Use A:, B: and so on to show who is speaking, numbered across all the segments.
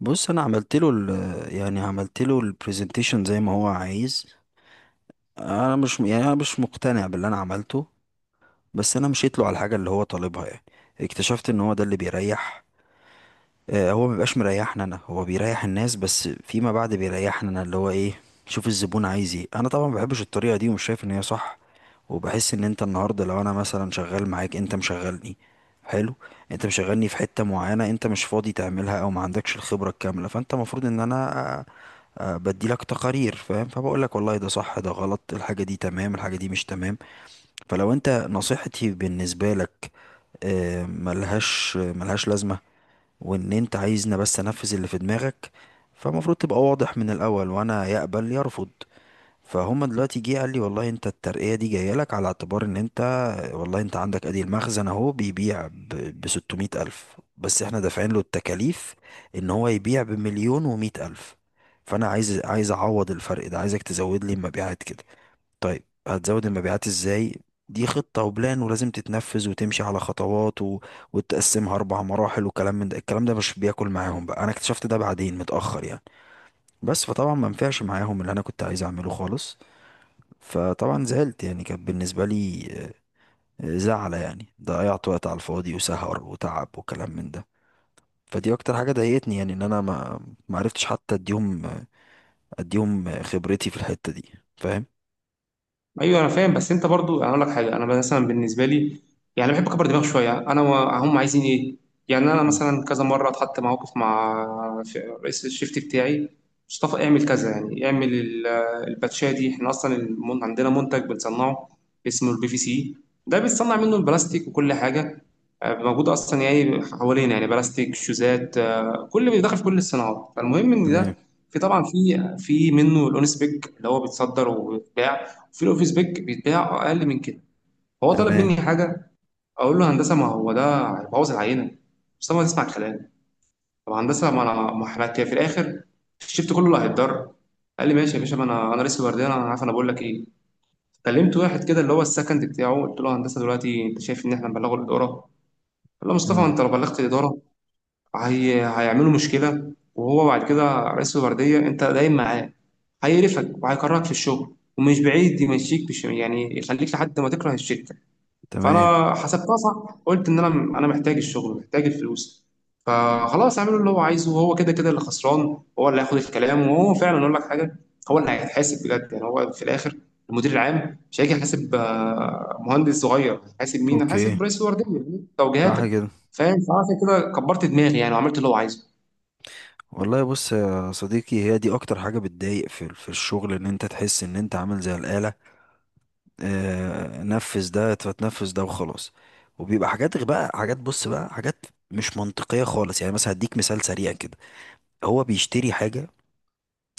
A: بص انا عملت له يعني عملت له البرزنتيشن زي ما هو عايز. انا مش مقتنع باللي انا عملته، بس انا مشيت له على الحاجه اللي هو طالبها يعني. اكتشفت ان هو ده اللي بيريح. هو مبيبقاش مريحنا انا، هو بيريح الناس بس فيما بعد بيريحنا انا، اللي هو ايه، شوف الزبون عايز ايه. انا طبعا ما بحبش الطريقه دي ومش شايف ان هي صح، وبحس ان انت النهارده لو انا مثلا شغال معاك انت مشغلني. حلو. انت مشغلني في حته معينه انت مش فاضي تعملها او ما عندكش الخبره الكامله، فانت المفروض ان انا بديلك تقارير، فاهم، فبقول لك والله ده صح ده غلط، الحاجه دي تمام الحاجه دي مش تمام. فلو انت، نصيحتي بالنسبه لك، ملهاش لازمه. وان انت عايزني بس انفذ اللي في دماغك، فالمفروض تبقى واضح من الاول، وانا يقبل يرفض. فهم دلوقتي جه قال لي والله انت الترقية دي جاية لك على اعتبار ان انت، والله انت عندك ادي المخزن اهو بيبيع ب 600 الف، بس احنا دافعين له التكاليف ان هو يبيع بمليون ومئة الف، فانا عايز اعوض الفرق ده، عايزك تزود لي المبيعات كده. طيب هتزود المبيعات ازاي؟ دي خطة وبلان ولازم تتنفذ وتمشي على خطوات وتقسمها أربع مراحل وكلام من ده. الكلام ده مش بياكل معاهم بقى، أنا اكتشفت ده بعدين متأخر يعني، بس فطبعا ما نفعش معاهم اللي أنا كنت عايز أعمله خالص. فطبعا زعلت، يعني كانت بالنسبة لي زعلة، يعني ضيعت وقت على الفاضي وسهر وتعب وكلام من ده. فدي أكتر حاجة ضايقتني، يعني إن أنا ما عرفتش حتى أديهم، أديهم خبرتي في الحتة دي. فاهم.
B: ايوه، انا فاهم. بس انت برضو، انا اقول لك حاجه، انا مثلا بالنسبه لي، يعني بحب اكبر دماغ شويه. انا هم عايزين ايه؟ يعني انا
A: مم.
B: مثلا كذا مره اتحط موقف مع رئيس الشيفت بتاعي مصطفى. اعمل كذا، يعني اعمل الباتشيه دي. احنا اصلا عندنا منتج بنصنعه اسمه البي في سي. ده بيتصنع منه البلاستيك وكل حاجه، موجود اصلا يعني حوالينا، يعني بلاستيك، شوزات، كل بيدخل في كل الصناعات. فالمهم ان
A: تمام.
B: ده، في طبعا في منه الاونس بيج اللي هو بيتصدر وبيتباع، وفي الاوفيس بيج بيتباع اقل من كده. هو طلب
A: تمام.
B: مني حاجه، اقول له هندسه ما هو ده هيبوظ العينه، بس ما تسمع الكلام. طب هندسه ما انا، ما احنا في الاخر الشفت كله اللي هيتضرر. قال لي ماشي يا باشا. ما انا لسه بردان. انا عارف انا بقول لك ايه. كلمت واحد كده اللي هو السكند بتاعه، قلت له هندسه دلوقتي انت شايف ان احنا نبلغه الاداره؟ قال له مصطفى،
A: مم.
B: انت لو بلغت الاداره هيعملوا مشكلة، وهو بعد كده رئيس الوردية أنت دايم معاه، هيقرفك وهيكرهك في الشغل، ومش بعيد يمشيك، مش يعني يخليك لحد ما تكره الشركة.
A: تمام.
B: فانا حسبتها صح، قلت ان انا محتاج الشغل، محتاج الفلوس. فخلاص اعمله اللي هو عايزه، وهو كده كده اللي خسران هو اللي هياخد الكلام. وهو فعلا، اقول لك حاجه، هو اللي هيتحاسب بجد يعني. هو في الاخر المدير العام مش هيجي يحاسب مهندس صغير. هيحاسب مين؟
A: اوكي.
B: هيحاسب رئيس الورديه، يعني
A: صح
B: توجيهاتك.
A: كده.
B: فاهم؟ فعشان كده كبرت دماغي يعني، وعملت اللي هو عايزه.
A: والله بص يا صديقي، هي دي اكتر حاجة بتضايق في الشغل، ان انت تحس ان انت عامل زي الآلة. آه، نفذ ده فتنفذ ده وخلاص. وبيبقى حاجات بقى حاجات، بص بقى حاجات مش منطقية خالص. يعني مثلا هديك مثال سريع كده. هو بيشتري حاجة،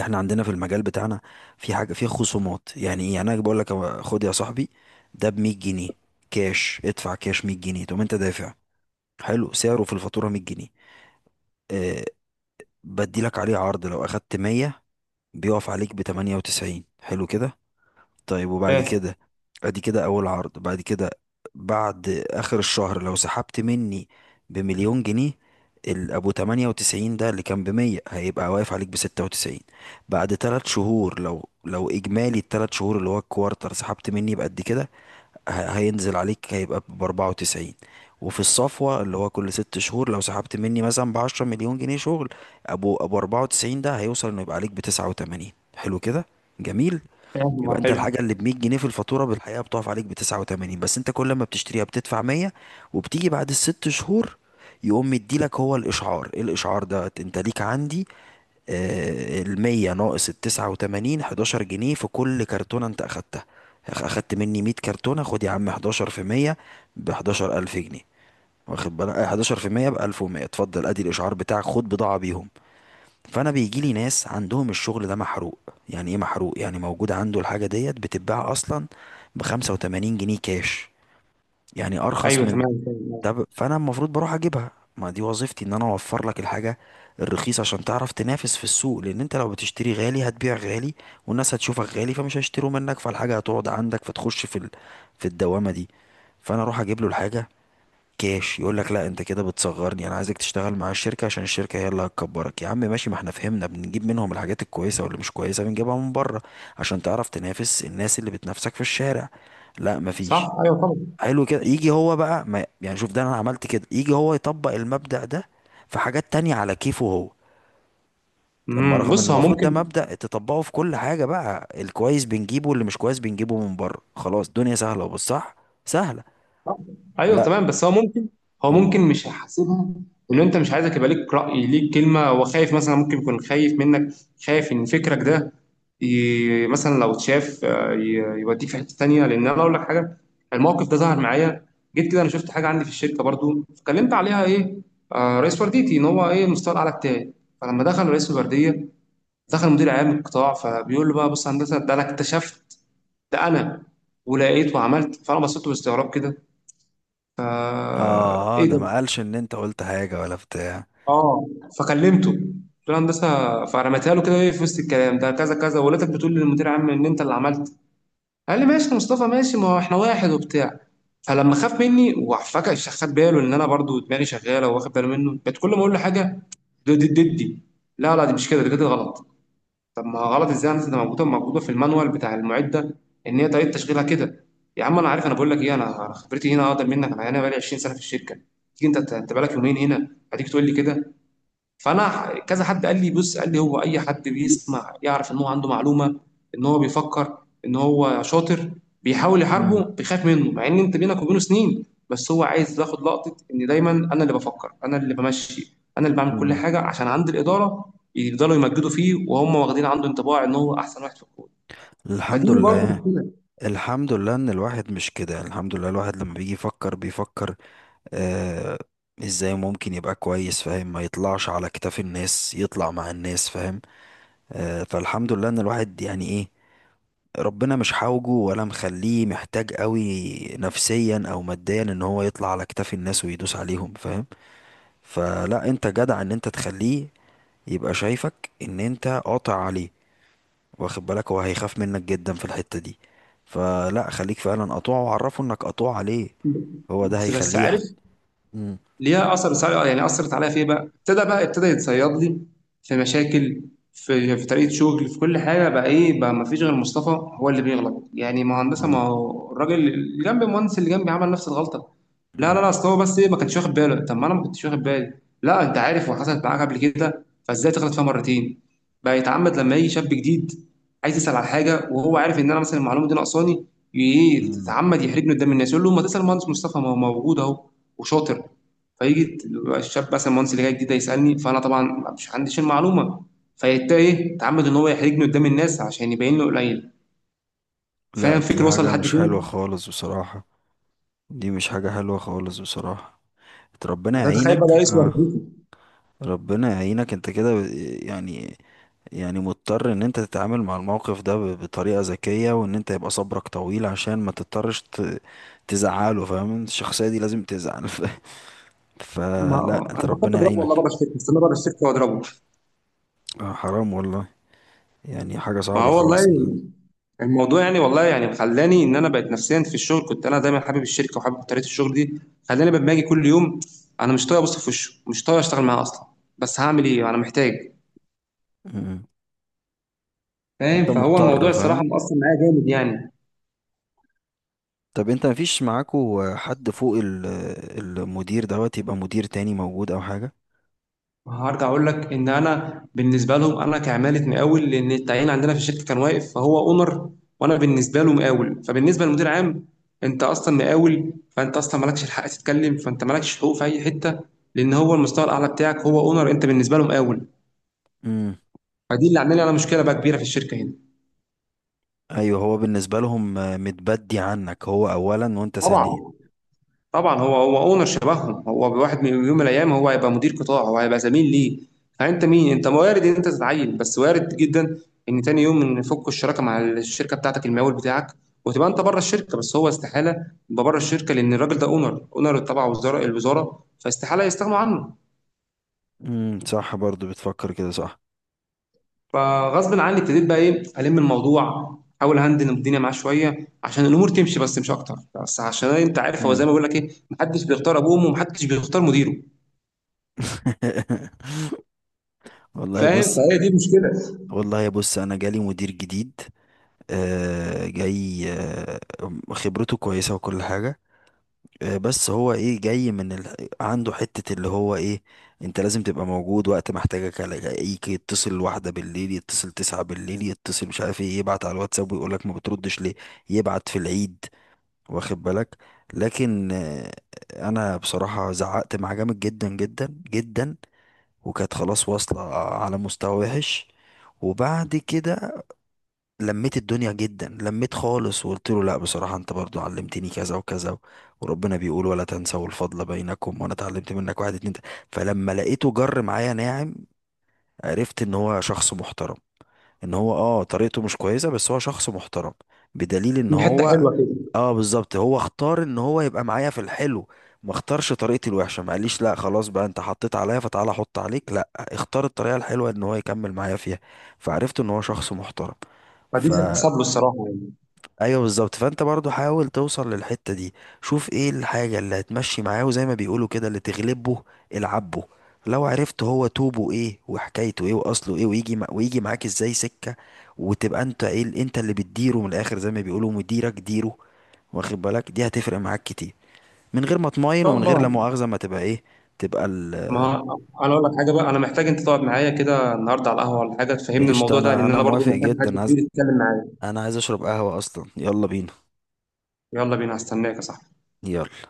A: احنا عندنا في المجال بتاعنا في حاجة في خصومات. يعني ايه؟ يعني انا بقول لك هو، خد يا صاحبي ده ب 100 جنيه كاش، ادفع كاش 100 جنيه تقوم انت دافع. حلو. سعره في الفاتورة 100 جنيه. آه. بدي لك عليه عرض لو اخدت 100 بيقف عليك ب 98. حلو كده. طيب وبعد
B: فاهم.
A: كده، ادي كده اول عرض. بعد كده، بعد اخر الشهر لو سحبت مني بمليون جنيه، ابو 98 ده اللي كان ب 100 هيبقى واقف عليك ب 96. بعد 3 شهور، لو اجمالي الثلاث شهور اللي هو الكوارتر سحبت مني بقد كده، هينزل عليك هيبقى ب 94. وفي الصفوة اللي هو كل ست شهور، لو سحبت مني مثلا ب 10 مليون جنيه شغل، ابو 94 ده هيوصل انه يبقى عليك ب 89. حلو كده. جميل.
B: فاهم،
A: يبقى
B: آه،
A: انت
B: حلو.
A: الحاجة اللي ب 100 جنيه في الفاتورة بالحقيقة بتقف عليك ب 89، بس انت كل ما بتشتريها بتدفع 100. وبتيجي بعد الست شهور يقوم مديلك هو الاشعار. ايه الاشعار ده؟ انت ليك عندي المية ناقص التسعة وتمانين، حداشر جنيه في كل كرتونة انت اخدتها. اخدت مني مية كرتونة، خد يا عم حداشر في مية بحداشر ألف جنيه. واخد بالك؟ حداشر في مية بألف ومية. اتفضل ادي الإشعار بتاعك خد بضاعة بيهم. فأنا بيجيلي ناس عندهم الشغل ده محروق. يعني ايه محروق؟ يعني موجود عنده الحاجة ديت بتتباع أصلا بخمسة وتمانين جنيه كاش، يعني أرخص
B: ايوه
A: من،
B: تمام، فاهم.
A: طب فانا المفروض بروح اجيبها، ما دي وظيفتي ان انا اوفر لك الحاجه الرخيصه عشان تعرف تنافس في السوق، لان انت لو بتشتري غالي هتبيع غالي، والناس هتشوفك غالي فمش هيشتروا منك، فالحاجه هتقعد عندك، فتخش في في الدوامه دي. فانا اروح اجيب له الحاجه كاش، يقول لك لا انت كده بتصغرني، انا عايزك تشتغل مع الشركه عشان الشركه هي اللي هتكبرك. يا عم ماشي، ما احنا فهمنا، بنجيب منهم الحاجات الكويسه، واللي مش كويسه بنجيبها من بره عشان تعرف تنافس الناس اللي بتنافسك في الشارع. لا
B: صح،
A: مفيش.
B: ايوه طبعا.
A: حلو كده. يجي هو بقى، ما يعني شوف، ده انا عملت كده، يجي هو يطبق المبدأ ده في حاجات تانية على كيفه هو اما، رغم ان
B: بص، هو
A: المفروض ده
B: ممكن.
A: مبدأ تطبقه في كل حاجة، بقى الكويس بنجيبه واللي مش كويس بنجيبه من بره، خلاص الدنيا سهلة. وبص، صح، سهلة.
B: آه. ايوه
A: لا.
B: تمام، بس هو ممكن، هو
A: مم.
B: ممكن مش هيحاسبها، ان انت، مش عايزك يبقى ليك راي، ليك كلمه. هو خايف مثلا، ممكن يكون خايف منك، خايف ان فكرك ده، مثلا لو اتشاف، يوديك في حته تانيه. لان انا اقول لك حاجه، الموقف ده ظهر معايا. جيت كده، انا شفت حاجه عندي في الشركه برضو، فكلمت عليها ايه، رئيس ورديتي، ان هو ايه، المستوى الاعلى بتاعي. فلما دخل رئيس الورديه، دخل مدير اعلام القطاع، فبيقول له بقى: بص يا هندسه ده انا اكتشفت ده، انا ولقيت وعملت. فانا بصيت له باستغراب كده، فا
A: اه.
B: ايه
A: ده
B: ده؟
A: ما قالش ان انت قلت حاجة ولا بتاع.
B: اه. فكلمته قلت له: هندسه، فرميتها له كده ايه في وسط الكلام ده، كذا كذا، ولادك بتقول للمدير عام ان انت اللي عملت. قال لي ماشي يا مصطفى، ماشي، ما هو احنا واحد وبتاع. فلما خاف مني وفجأة خد باله ان انا برضو دماغي شغاله وواخد باله منه، بقت كل ما اقول له حاجه: دي دي دي، دي. لا لا، دي مش كده، دي كده غلط. طب ما غلط ازاي يا هندسه، ده موجوده موجوده في المانوال بتاع المعد ده، ان هي طريقه تشغيلها كده. يا عم انا عارف انا بقول لك ايه، انا خبرتي هنا اقدر منك، انا هنا بقالي 20 سنه في الشركه. تيجي انت، بقالك يومين هنا هتيجي تقول لي كده؟ فانا كذا حد قال لي، بص، قال لي: هو اي حد بيسمع يعرف ان هو عنده معلومه، ان هو بيفكر، ان هو شاطر، بيحاول
A: مم.
B: يحاربه، بيخاف منه، مع ان انت بينك وبينه سنين. بس هو عايز ياخد لقطه ان دايما انا اللي بفكر، انا اللي بمشي، انا اللي بعمل كل
A: مم.
B: حاجه، عشان عند الاداره يفضلوا يمجدوا فيه، وهم واخدين عنده انطباع ان هو احسن واحد في الكوره.
A: الحمد
B: فدي برضه
A: لله.
B: مشكله.
A: الحمد لله ان الواحد مش كده، الحمد لله، الواحد لما بيجي يفكر بيفكر آه، ازاي ممكن يبقى كويس، فاهم، ما يطلعش على كتاف الناس، يطلع مع الناس، فاهم، آه، فالحمد لله ان الواحد يعني ايه، ربنا مش حاوجه ولا مخليه محتاج قوي، نفسيا او ماديا، ان هو يطلع على كتاف الناس ويدوس عليهم، فاهم. فلا، انت جدع ان انت تخليه يبقى شايفك ان انت قاطع عليه، واخد بالك، هو هيخاف منك جدا في الحتة دي. فلا خليك فعلا قطوع، وعرفه انك قطوع عليه، هو ده
B: بس
A: هيخليه
B: عارف،
A: مم.
B: ليها اثر، يعني اثرت عليا في ايه بقى؟ ابتدى، بقى ابتدى يتصيد لي في مشاكل، في طريقه شغل، في كل حاجه. بقى ايه بقى؟ ما فيش غير مصطفى هو اللي بيغلط يعني. ما هو هندسه، ما هو الراجل اللي جنبي، المهندس اللي جنبي عمل نفس الغلطه. لا لا لا،
A: مم.
B: اصل هو بس ايه، ما كانش واخد باله. طب ما انا ما كنتش واخد بالي. لا، انت عارف، وحصلت معاك قبل كده، فازاي تغلط فيها مرتين؟ بقى يتعمد لما يجي شاب جديد عايز يسال على حاجه، وهو عارف ان انا مثلا المعلومه دي ناقصاني، ايه،
A: مم.
B: تتعمد يحرجني قدام الناس. يقول له ما تسال مهندس مصطفى، ما هو موجود اهو وشاطر. فيجي الشاب مثلا، المهندس اللي جاي جديد ده، يسالني، فانا طبعا مش عنديش المعلومه، فيبتدي ايه، تعمد ان هو يحرجني قدام الناس عشان يبين له قليل. فاهم
A: لا دي
B: الفكر وصل
A: حاجة
B: لحد
A: مش حلوة
B: فين؟
A: خالص بصراحة، دي مش حاجة حلوة خالص بصراحة. ربنا
B: ما ده تخيل بقى،
A: يعينك.
B: يسوى
A: اه.
B: رديته.
A: ربنا يعينك، انت كده يعني، يعني مضطر ان انت تتعامل مع الموقف ده بطريقة ذكية، وان انت يبقى صبرك طويل عشان ما تضطرش تزعله، فاهم، الشخصية دي لازم تزعل
B: ما
A: فلا انت،
B: انا فكرت
A: ربنا
B: اضربه والله، بره
A: يعينك.
B: الشركه، استنى بره الشركه واضربه.
A: آه حرام والله. يعني حاجة
B: ما
A: صعبة
B: هو والله
A: خالص
B: الموضوع يعني، والله يعني خلاني ان انا بقيت نفسيا في الشغل. كنت انا دايما حابب الشركه وحابب طريقه الشغل دي، خلاني لما اجي كل يوم انا مش طايق ابص في وشه، مش طايق اشتغل معاه اصلا. بس هعمل ايه؟ انا محتاج.
A: م- م.
B: فاهم؟
A: انت
B: فهو الموضوع
A: مضطر،
B: الصراحه
A: فاهم.
B: مأثر معايا جامد يعني.
A: طب انت مفيش معاكو حد فوق المدير دوت، يبقى مدير تاني موجود او حاجة؟
B: هرجع اقول لك ان انا بالنسبه لهم انا كعماله مقاول، لان التعيين عندنا في الشركه كان واقف. فهو اونر، وانا بالنسبه له مقاول. فبالنسبه للمدير عام انت اصلا مقاول، فانت اصلا مالكش الحق تتكلم، فانت مالكش حقوق في اي حته، لان هو المستوى الاعلى بتاعك هو اونر، انت بالنسبه له مقاول.
A: امم.
B: فدي اللي عامله لي انا مشكله بقى كبيره في الشركه هنا.
A: ايوه هو بالنسبة لهم متبدي عنك، هو اولا وانت ثانيا.
B: طبعا. طبعًا هو أونر شبههم. هو، بواحد من يوم من الأيام، هو هيبقى مدير قطاع، هو هيبقى زميل ليه. فأنت مين؟ أنت وارد إن أنت تتعيّن، بس وارد جدًا إن تاني يوم يفكوا الشراكة مع الشركة بتاعتك المقاول بتاعك، وتبقى أنت بره الشركة. بس هو استحالة يبقى بره الشركة، لأن الراجل ده أونر، أونر تبع وزارة الوزارة، فاستحالة يستغنوا عنه.
A: امم، صح، برضو بتفكر كده، صح.
B: فغصبٍ عني ابتديت بقى إيه، ألِم الموضوع، أحاول أهندل الدنيا معاه شوية عشان الأمور تمشي، بس مش أكتر. بس عشان أنت عارف، هو زي
A: مم.
B: ما باقول لك إيه، ما حدش بيختار أبوه وأمه، وما حدش بيختار مديره.
A: والله
B: فاهم؟
A: بص.
B: فهي دي المشكلة.
A: والله بص انا جالي مدير جديد، جاي، خبرته كويسة وكل حاجة. بس هو ايه، جاي من عنده حتة اللي هو ايه، انت لازم تبقى موجود وقت ما احتاجك، الاقيك يتصل واحدة بالليل، يتصل تسعة بالليل، يتصل مش عارف ايه، يبعت على الواتساب ويقولك ما بتردش ليه، يبعت في العيد، واخد بالك. لكن انا بصراحة زعقت معاه جامد جدا جدا جدا، وكانت خلاص واصلة على مستوى وحش. وبعد كده لميت الدنيا جدا، لميت خالص، وقلت له لا بصراحة، انت برضو علمتني كذا وكذا وربنا بيقول ولا تنسوا الفضل بينكم، وانا اتعلمت منك واحد اتنين تلاتة. فلما لقيته جر معايا ناعم، عرفت ان هو شخص محترم. ان هو اه طريقته مش كويسة بس هو شخص محترم، بدليل ان
B: في حته
A: هو،
B: حلوه كده،
A: اه بالظبط، هو اختار ان هو يبقى معايا في الحلو. ما اختارش طريقتي الوحشة، ما قاليش لا خلاص بقى انت حطيت عليا فتعالى احط عليك، لا اختار الطريقة الحلوة ان هو يكمل معايا فيها. فعرفت ان هو شخص محترم.
B: فدي
A: ف
B: تتحسب له الصراحه يعني. ان
A: ايوه بالظبط، فانت برضو حاول توصل للحتة دي، شوف ايه الحاجة اللي هتمشي معاه، وزي ما بيقولوا كده اللي تغلبه العبه. لو عرفت هو توبه ايه وحكايته ايه واصله ايه، ويجي معاك ازاي سكة، وتبقى انت ايه انت اللي بتديره من الاخر، زي ما بيقولوا مديرك ديره، واخد بالك، دي هتفرق معاك كتير، من غير ما تماين،
B: شاء
A: ومن غير لا
B: الله.
A: مؤاخذة ما تبقى ايه، تبقى
B: ما انا اقول لك حاجه بقى، انا محتاج انت تقعد معايا كده النهارده على القهوه ولا حاجه تفهمني
A: قشطة.
B: الموضوع ده،
A: انا
B: لان
A: انا
B: انا برضو
A: موافق
B: محتاج حد
A: جدا،
B: كبير يتكلم معايا.
A: انا عايز اشرب قهوة اصلا، يلا بينا.
B: يلا بينا، هستناك يا صاحبي.
A: يلا.